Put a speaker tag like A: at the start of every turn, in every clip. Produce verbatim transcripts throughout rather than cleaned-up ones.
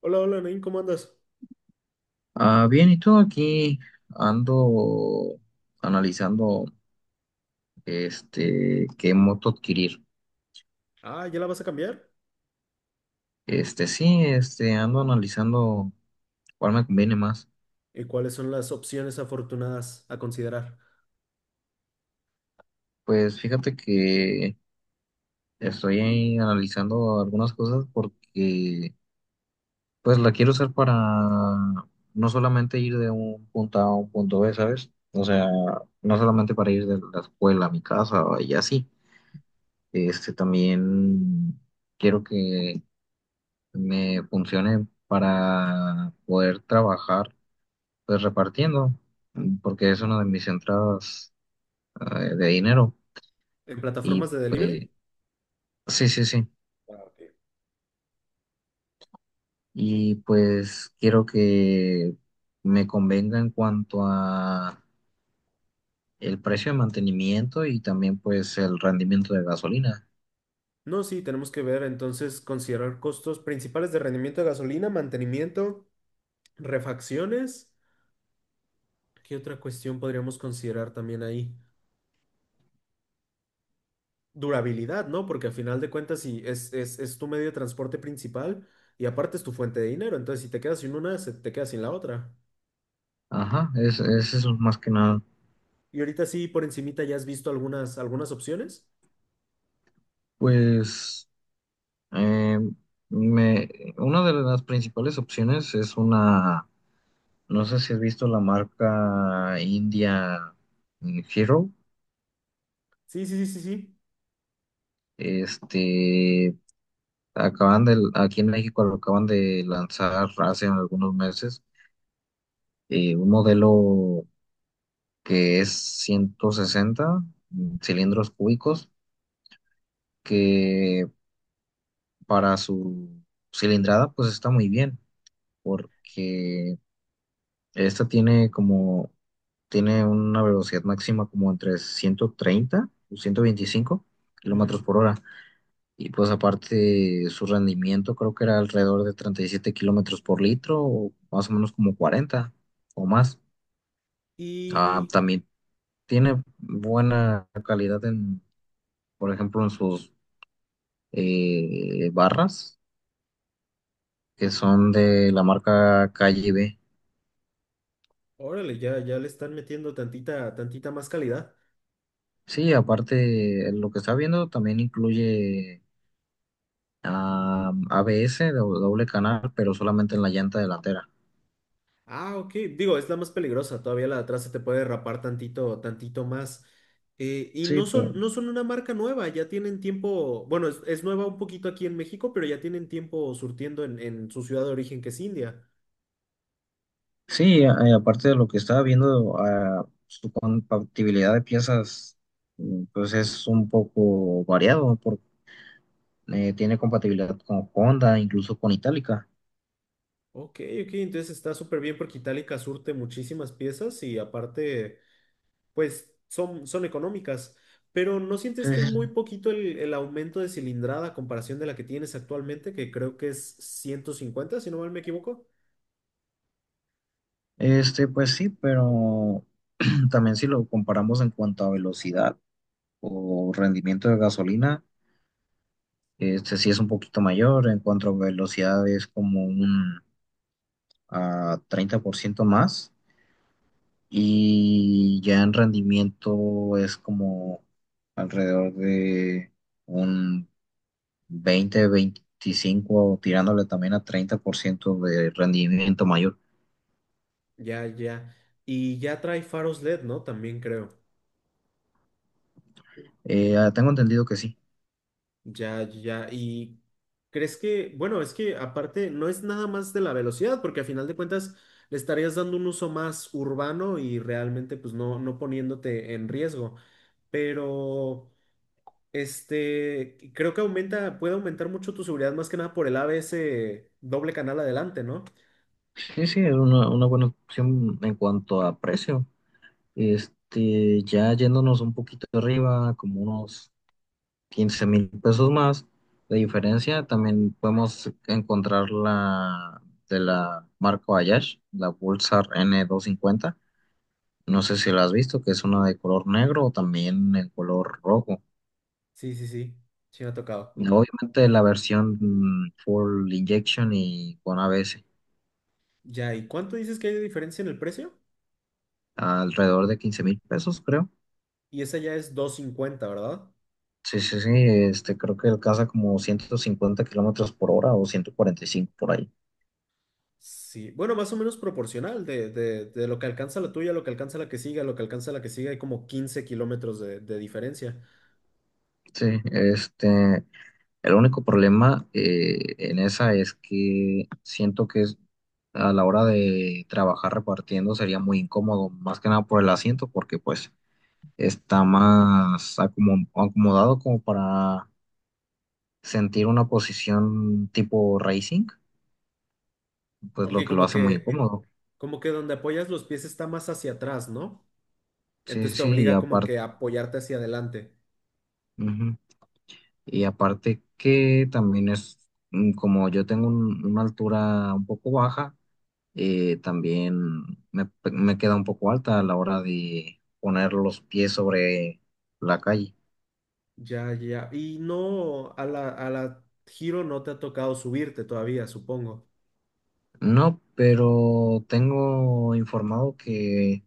A: Hola, hola, Nain, ¿cómo andas?
B: Ah, bien, y todo aquí ando analizando este qué moto adquirir.
A: Ah, ¿ya la vas a cambiar?
B: Este sí, este ando analizando cuál me conviene más.
A: ¿Y cuáles son las opciones afortunadas a considerar?
B: Pues fíjate que estoy ahí analizando algunas cosas porque pues la quiero usar para no solamente ir de un punto A a un punto B, ¿sabes? O sea, no solamente para ir de la escuela a mi casa y así. Este también quiero que me funcione para poder trabajar pues repartiendo, mm, porque es una de mis entradas eh, de dinero.
A: ¿En
B: Y
A: plataformas de
B: pues,
A: delivery?
B: sí, sí, sí.
A: Ah, ok.
B: Y pues quiero que me convenga en cuanto a el precio de mantenimiento y también pues el rendimiento de gasolina.
A: No, sí, tenemos que ver entonces considerar costos principales de rendimiento de gasolina, mantenimiento, refacciones. ¿Qué otra cuestión podríamos considerar también ahí? Durabilidad, ¿no? Porque a final de cuentas, si es, es, es tu medio de transporte principal y aparte es tu fuente de dinero, entonces si te quedas sin una, se te quedas sin la otra.
B: Ajá, es, es eso más que nada.
A: Y ahorita sí, por encimita, ¿ya has visto algunas, algunas opciones?
B: Pues eh, me, una de las principales opciones es una. No sé si has visto la marca India, mm, Hero.
A: Sí, sí, sí, sí, sí.
B: Este, acaban de, aquí en México lo acaban de lanzar hace algunos meses, eh, un modelo que es ciento sesenta cilindros cúbicos, que para su cilindrada pues está muy bien, porque esta tiene como, tiene una velocidad máxima como entre ciento treinta o ciento veinticinco
A: Ujú.
B: kilómetros por hora. Y pues aparte su rendimiento creo que era alrededor de treinta y siete kilómetros por litro, o más o menos como cuarenta o más. Ah,
A: Y
B: también tiene buena calidad en, por ejemplo, en sus eh, barras, que son de la marca Calle B.
A: órale, ya, ya le están metiendo tantita, tantita más calidad.
B: Sí, aparte lo que está viendo también incluye ah, A B S, do- doble canal, pero solamente en la llanta delantera.
A: Ah, ok. Digo, es la más peligrosa. Todavía la de atrás se te puede derrapar tantito, tantito más. Eh, y
B: Sí,
A: no
B: pero
A: son, no son una marca nueva, ya tienen tiempo. Bueno, es, es nueva un poquito aquí en México, pero ya tienen tiempo surtiendo en, en su ciudad de origen, que es India.
B: sí, a- eh, aparte de lo que estaba viendo, ah, su compatibilidad de piezas, mm, pues es un poco variado, por- eh, tiene compatibilidad con Honda, incluso con Itálica.
A: Ok, ok, entonces está súper bien porque Itálica surte muchísimas piezas y aparte. Pues son, son económicas, pero ¿no sientes que es muy
B: Ujú.
A: poquito el, el aumento de cilindrada a comparación de la que tienes actualmente, que creo que es ciento cincuenta si no mal me equivoco?
B: Este, pues sí, pero también si lo comparamos en cuanto a velocidad o rendimiento de gasolina, este sí es un poquito mayor, en cuanto a velocidad es como un ah, treinta por ciento más y ya en rendimiento es como alrededor de un veinte veinticinco tirándole también a treinta por ciento de rendimiento mayor.
A: Ya, ya. Y ya trae faros L E D, ¿no? También creo.
B: Eh, ah, tengo entendido que sí.
A: Ya, ya. Y crees que, bueno, es que aparte no es nada más de la velocidad, porque a final de cuentas le estarías dando un uso más urbano y realmente pues no, no poniéndote en riesgo. Pero… Este, creo que aumenta, puede aumentar mucho tu seguridad, más que nada por el A B S doble canal adelante, ¿no?
B: Sí, sí, es una, una buena opción en cuanto a precio. Este, ya yéndonos un poquito arriba, como unos quince mil pesos más de diferencia. También podemos encontrar la de la marca Bayash, la Pulsar n doscientos cincuenta. No sé si la has visto, que es una de color negro o también en color rojo.
A: Sí, sí, sí, sí me ha tocado.
B: Y obviamente la versión mm, full injection y con A B S,
A: Ya, ¿y cuánto dices que hay de diferencia en el precio?
B: alrededor de quince mil pesos, creo.
A: Y esa ya es dos cincuenta, ¿verdad?
B: Sí, sí, sí, este, creo que alcanza como ciento cincuenta kilómetros por hora o ciento cuarenta y cinco por ahí.
A: Sí, bueno, más o menos proporcional de, de, de lo que alcanza la tuya, lo que alcanza la que siga, lo que alcanza la que siga, hay como quince kilómetros de, de diferencia.
B: Sí, este. El único problema eh, en esa es que siento que es, a la hora de trabajar repartiendo sería muy incómodo, más que nada por el asiento, porque pues está más acomo- acomodado como para sentir una posición tipo racing, pues
A: Ok,
B: lo que lo
A: como
B: hace muy
A: que,
B: incómodo.
A: como que donde apoyas los pies está más hacia atrás, ¿no?
B: Sí,
A: Entonces te
B: sí, y
A: obliga como
B: aparte,
A: que a apoyarte hacia adelante.
B: Y aparte que también es, mm, como yo tengo un- una altura un poco baja, eh, también me, me queda un poco alta a la hora de poner los pies sobre la calle.
A: Ya, ya. Y no, a la, a la Giro no te ha tocado subirte todavía, supongo.
B: No, pero tengo informado que,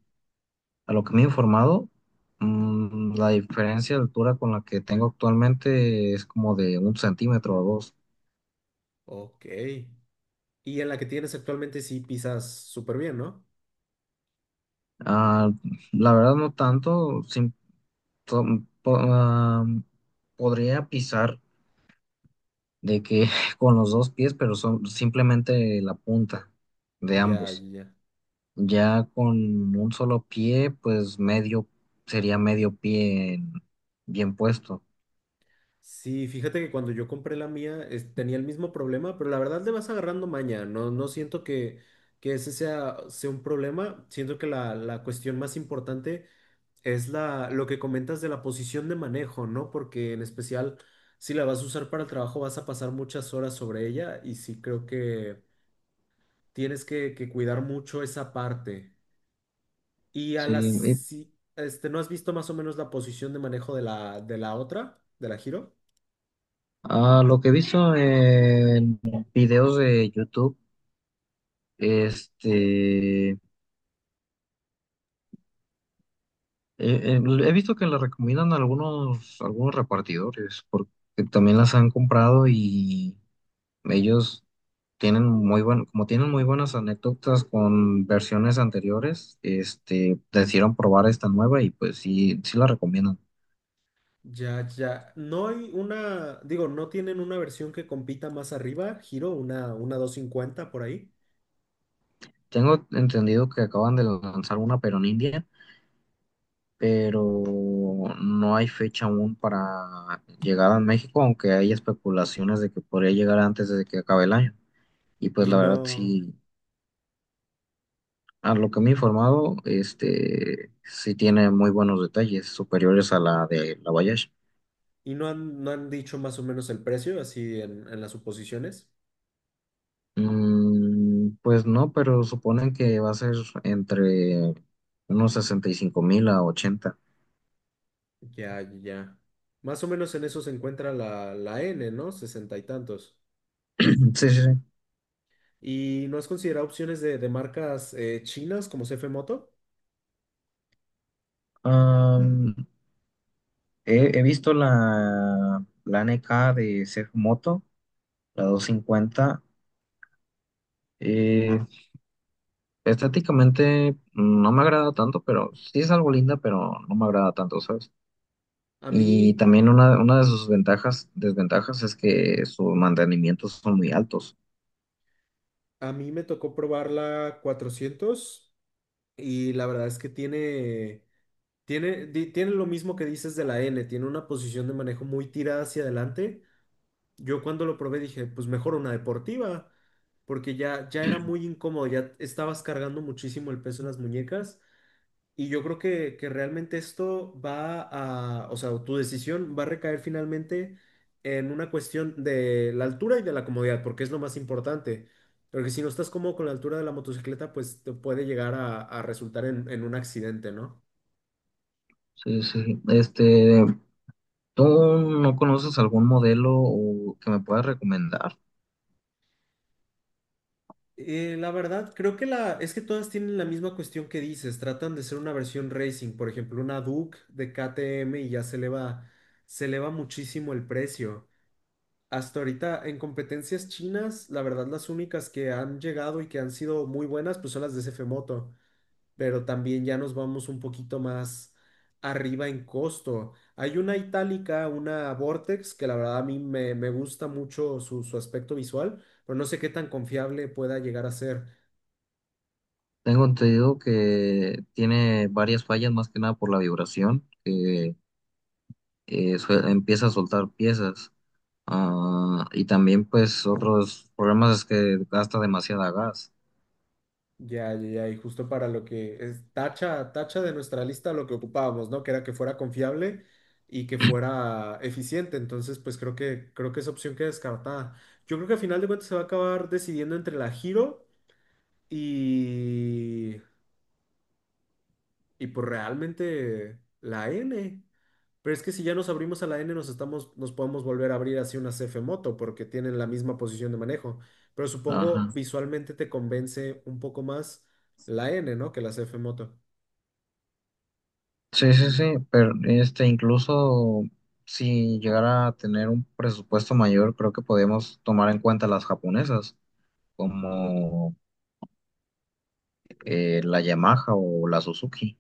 B: a lo que me he informado, mm, la diferencia de altura con la que tengo actualmente es como de un centímetro o dos.
A: Ok. Y en la que tienes actualmente sí pisas súper bien, ¿no?
B: Ah, la verdad no tanto, sin- to- po- ah, podría pisar de que con los dos pies, pero son simplemente la punta de
A: Ya, ya,
B: ambos.
A: ya.
B: Ya con un solo pie, pues medio, sería medio pie en- bien puesto.
A: Sí, fíjate que cuando yo compré la mía es- tenía el mismo problema, pero la verdad le vas agarrando maña. No, no siento que, que ese sea, sea un problema. Siento que la, la cuestión más importante es la, lo que comentas de la posición de manejo, ¿no? Porque en especial, si la vas a usar para el trabajo, vas a pasar muchas horas sobre ella y sí creo que tienes que, que cuidar mucho esa parte. Y a
B: Sí,
A: las,
B: y
A: si- este, ¿no has visto más o menos la posición de manejo de la, de la otra, de la giro.
B: a lo que he visto en videos de YouTube, este, eh, eh, he visto que le recomiendan algunos, algunos repartidores, porque también las han comprado y ellos tienen muy buen, como tienen muy buenas anécdotas con versiones anteriores, este, decidieron probar esta nueva y pues sí, sí la recomiendan.
A: Ya, ya. No hay una, digo, no tienen una versión que compita más arriba, giro una, una doscientos cincuenta por ahí.
B: Tengo entendido que acaban de lanzar una, pero en India, pero no hay fecha aún para llegada a México, aunque hay especulaciones de que podría llegar antes de que acabe el año. Y pues
A: Y
B: la verdad,
A: no,
B: sí, a lo que me he informado, este, sí tiene muy buenos detalles, superiores a la de la Voyage.
A: y no han, no han dicho más o menos el precio, así en en las suposiciones.
B: Mm, pues no, pero suponen que va a ser entre unos sesenta y cinco mil a ochenta.
A: Ya, ya, ya. Más o menos en eso se encuentra la, la N, ¿no? Sesenta y tantos.
B: Sí, sí,
A: ¿Y no has considerado opciones de, de marcas eh, chinas como C F Moto?
B: sí. He, he visto la, la N K de Seth Moto, la doscientos cincuenta. eh, Estéticamente no me agrada tanto, pero sí es algo linda, pero no me agrada tanto, ¿sabes?
A: A
B: Y
A: mí,
B: también una, una de sus ventajas, desventajas es que sus mantenimientos son muy altos.
A: a mí me tocó probar la cuatrocientos y la verdad es que tiene, tiene, di- tiene lo mismo que dices de la N, tiene una posición de manejo muy tirada hacia adelante. Yo cuando lo probé dije, pues mejor una deportiva, porque ya, ya era muy incómodo, ya estabas cargando muchísimo el peso en las muñecas. Y yo creo que, que realmente esto va a, o sea, tu decisión va a recaer finalmente en una cuestión de la altura y de la comodidad, porque es lo más importante. Porque si no estás cómodo con la altura de la motocicleta, pues te puede llegar a, a resultar en, en un accidente, ¿no?
B: Sí, sí. Este, ¿tú no conoces algún modelo o que me puedas recomendar?
A: Eh, la verdad, creo que la, es que todas tienen la misma cuestión que dices, tratan de ser una versión racing, por ejemplo, una Duke de K T M y ya se eleva, se eleva muchísimo el precio. Hasta ahorita en competencias chinas, la verdad las únicas que han llegado y que han sido muy buenas pues son las de S F Moto, pero también ya nos vamos un poquito más arriba en costo. Hay una itálica, una Vortex, que la verdad a mí me, me gusta mucho su, su aspecto visual, pero no sé qué tan confiable pueda llegar a ser.
B: Tengo entendido que tiene varias fallas, más que nada por la vibración, que eh, sue- empieza a soltar piezas. Ah, y también pues otros problemas es que gasta demasiada gas.
A: Ya, ya, ya, y justo para lo que es tacha, tacha de nuestra lista lo que ocupábamos, ¿no? Que era que fuera confiable y que fuera eficiente. Entonces, pues creo que, creo que esa opción queda descartada. Yo creo que al final de cuentas se va a acabar decidiendo entre la Giro y, y pues realmente la N. Pero es que si ya nos abrimos a la N, nos estamos, nos podemos volver a abrir así una c f Moto, porque tienen la misma posición de manejo. Pero
B: Ajá.
A: supongo visualmente te convence un poco más la N, ¿no? Que la c f Moto.
B: Sí, sí, sí, pero este incluso si llegara a tener un presupuesto mayor, creo que podemos tomar en cuenta las japonesas, como eh, la Yamaha o la Suzuki.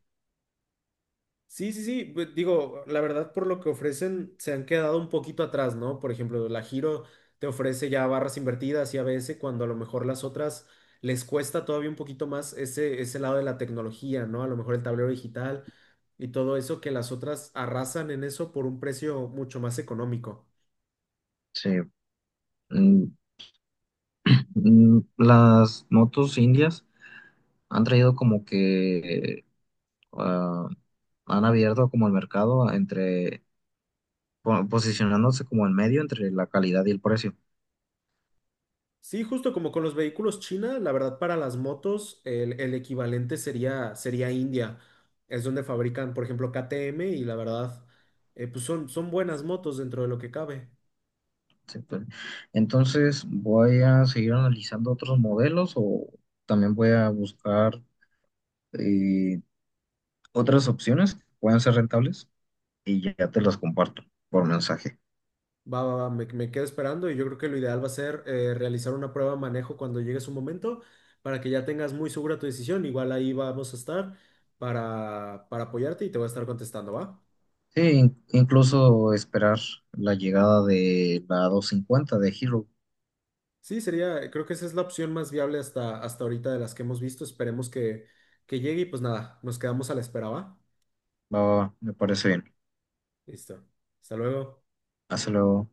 A: Sí, sí, sí, pues, digo, la verdad por lo que ofrecen se han quedado un poquito atrás, ¿no? Por ejemplo, la Giro te ofrece ya barras invertidas y a ABS cuando a lo mejor las otras les cuesta todavía un poquito más ese, ese lado de la tecnología, ¿no? A lo mejor el tablero digital y todo eso que las otras arrasan en eso por un precio mucho más económico.
B: Sí. Mm, mm, las motos indias han traído como que ah, han abierto como el mercado entre po- posicionándose como en medio entre la calidad y el precio.
A: Sí, justo como con los vehículos China, la verdad para las motos el, el equivalente sería, sería India. Es donde fabrican, por ejemplo, K T M y la verdad, eh, pues son, son buenas motos dentro de lo que cabe.
B: Sí, pues. Entonces, voy a seguir analizando otros modelos o también voy a buscar eh, otras opciones que puedan ser rentables y ya te las comparto por mensaje.
A: Va, va, va, me, me quedo esperando y yo creo que lo ideal va a ser eh, realizar una prueba de manejo cuando llegue su momento para que ya tengas muy segura tu decisión. Igual ahí vamos a estar para, para apoyarte y te voy a estar contestando, ¿va?
B: Sí, in- incluso esperar la llegada de la doscientos cincuenta de Hero.
A: Sí, sería, creo que esa es la opción más viable hasta, hasta ahorita de las que hemos visto. Esperemos que, que llegue y pues nada, nos quedamos a la espera, ¿va?
B: Va, va, va, me parece bien.
A: Listo. Hasta luego.
B: Hasta luego.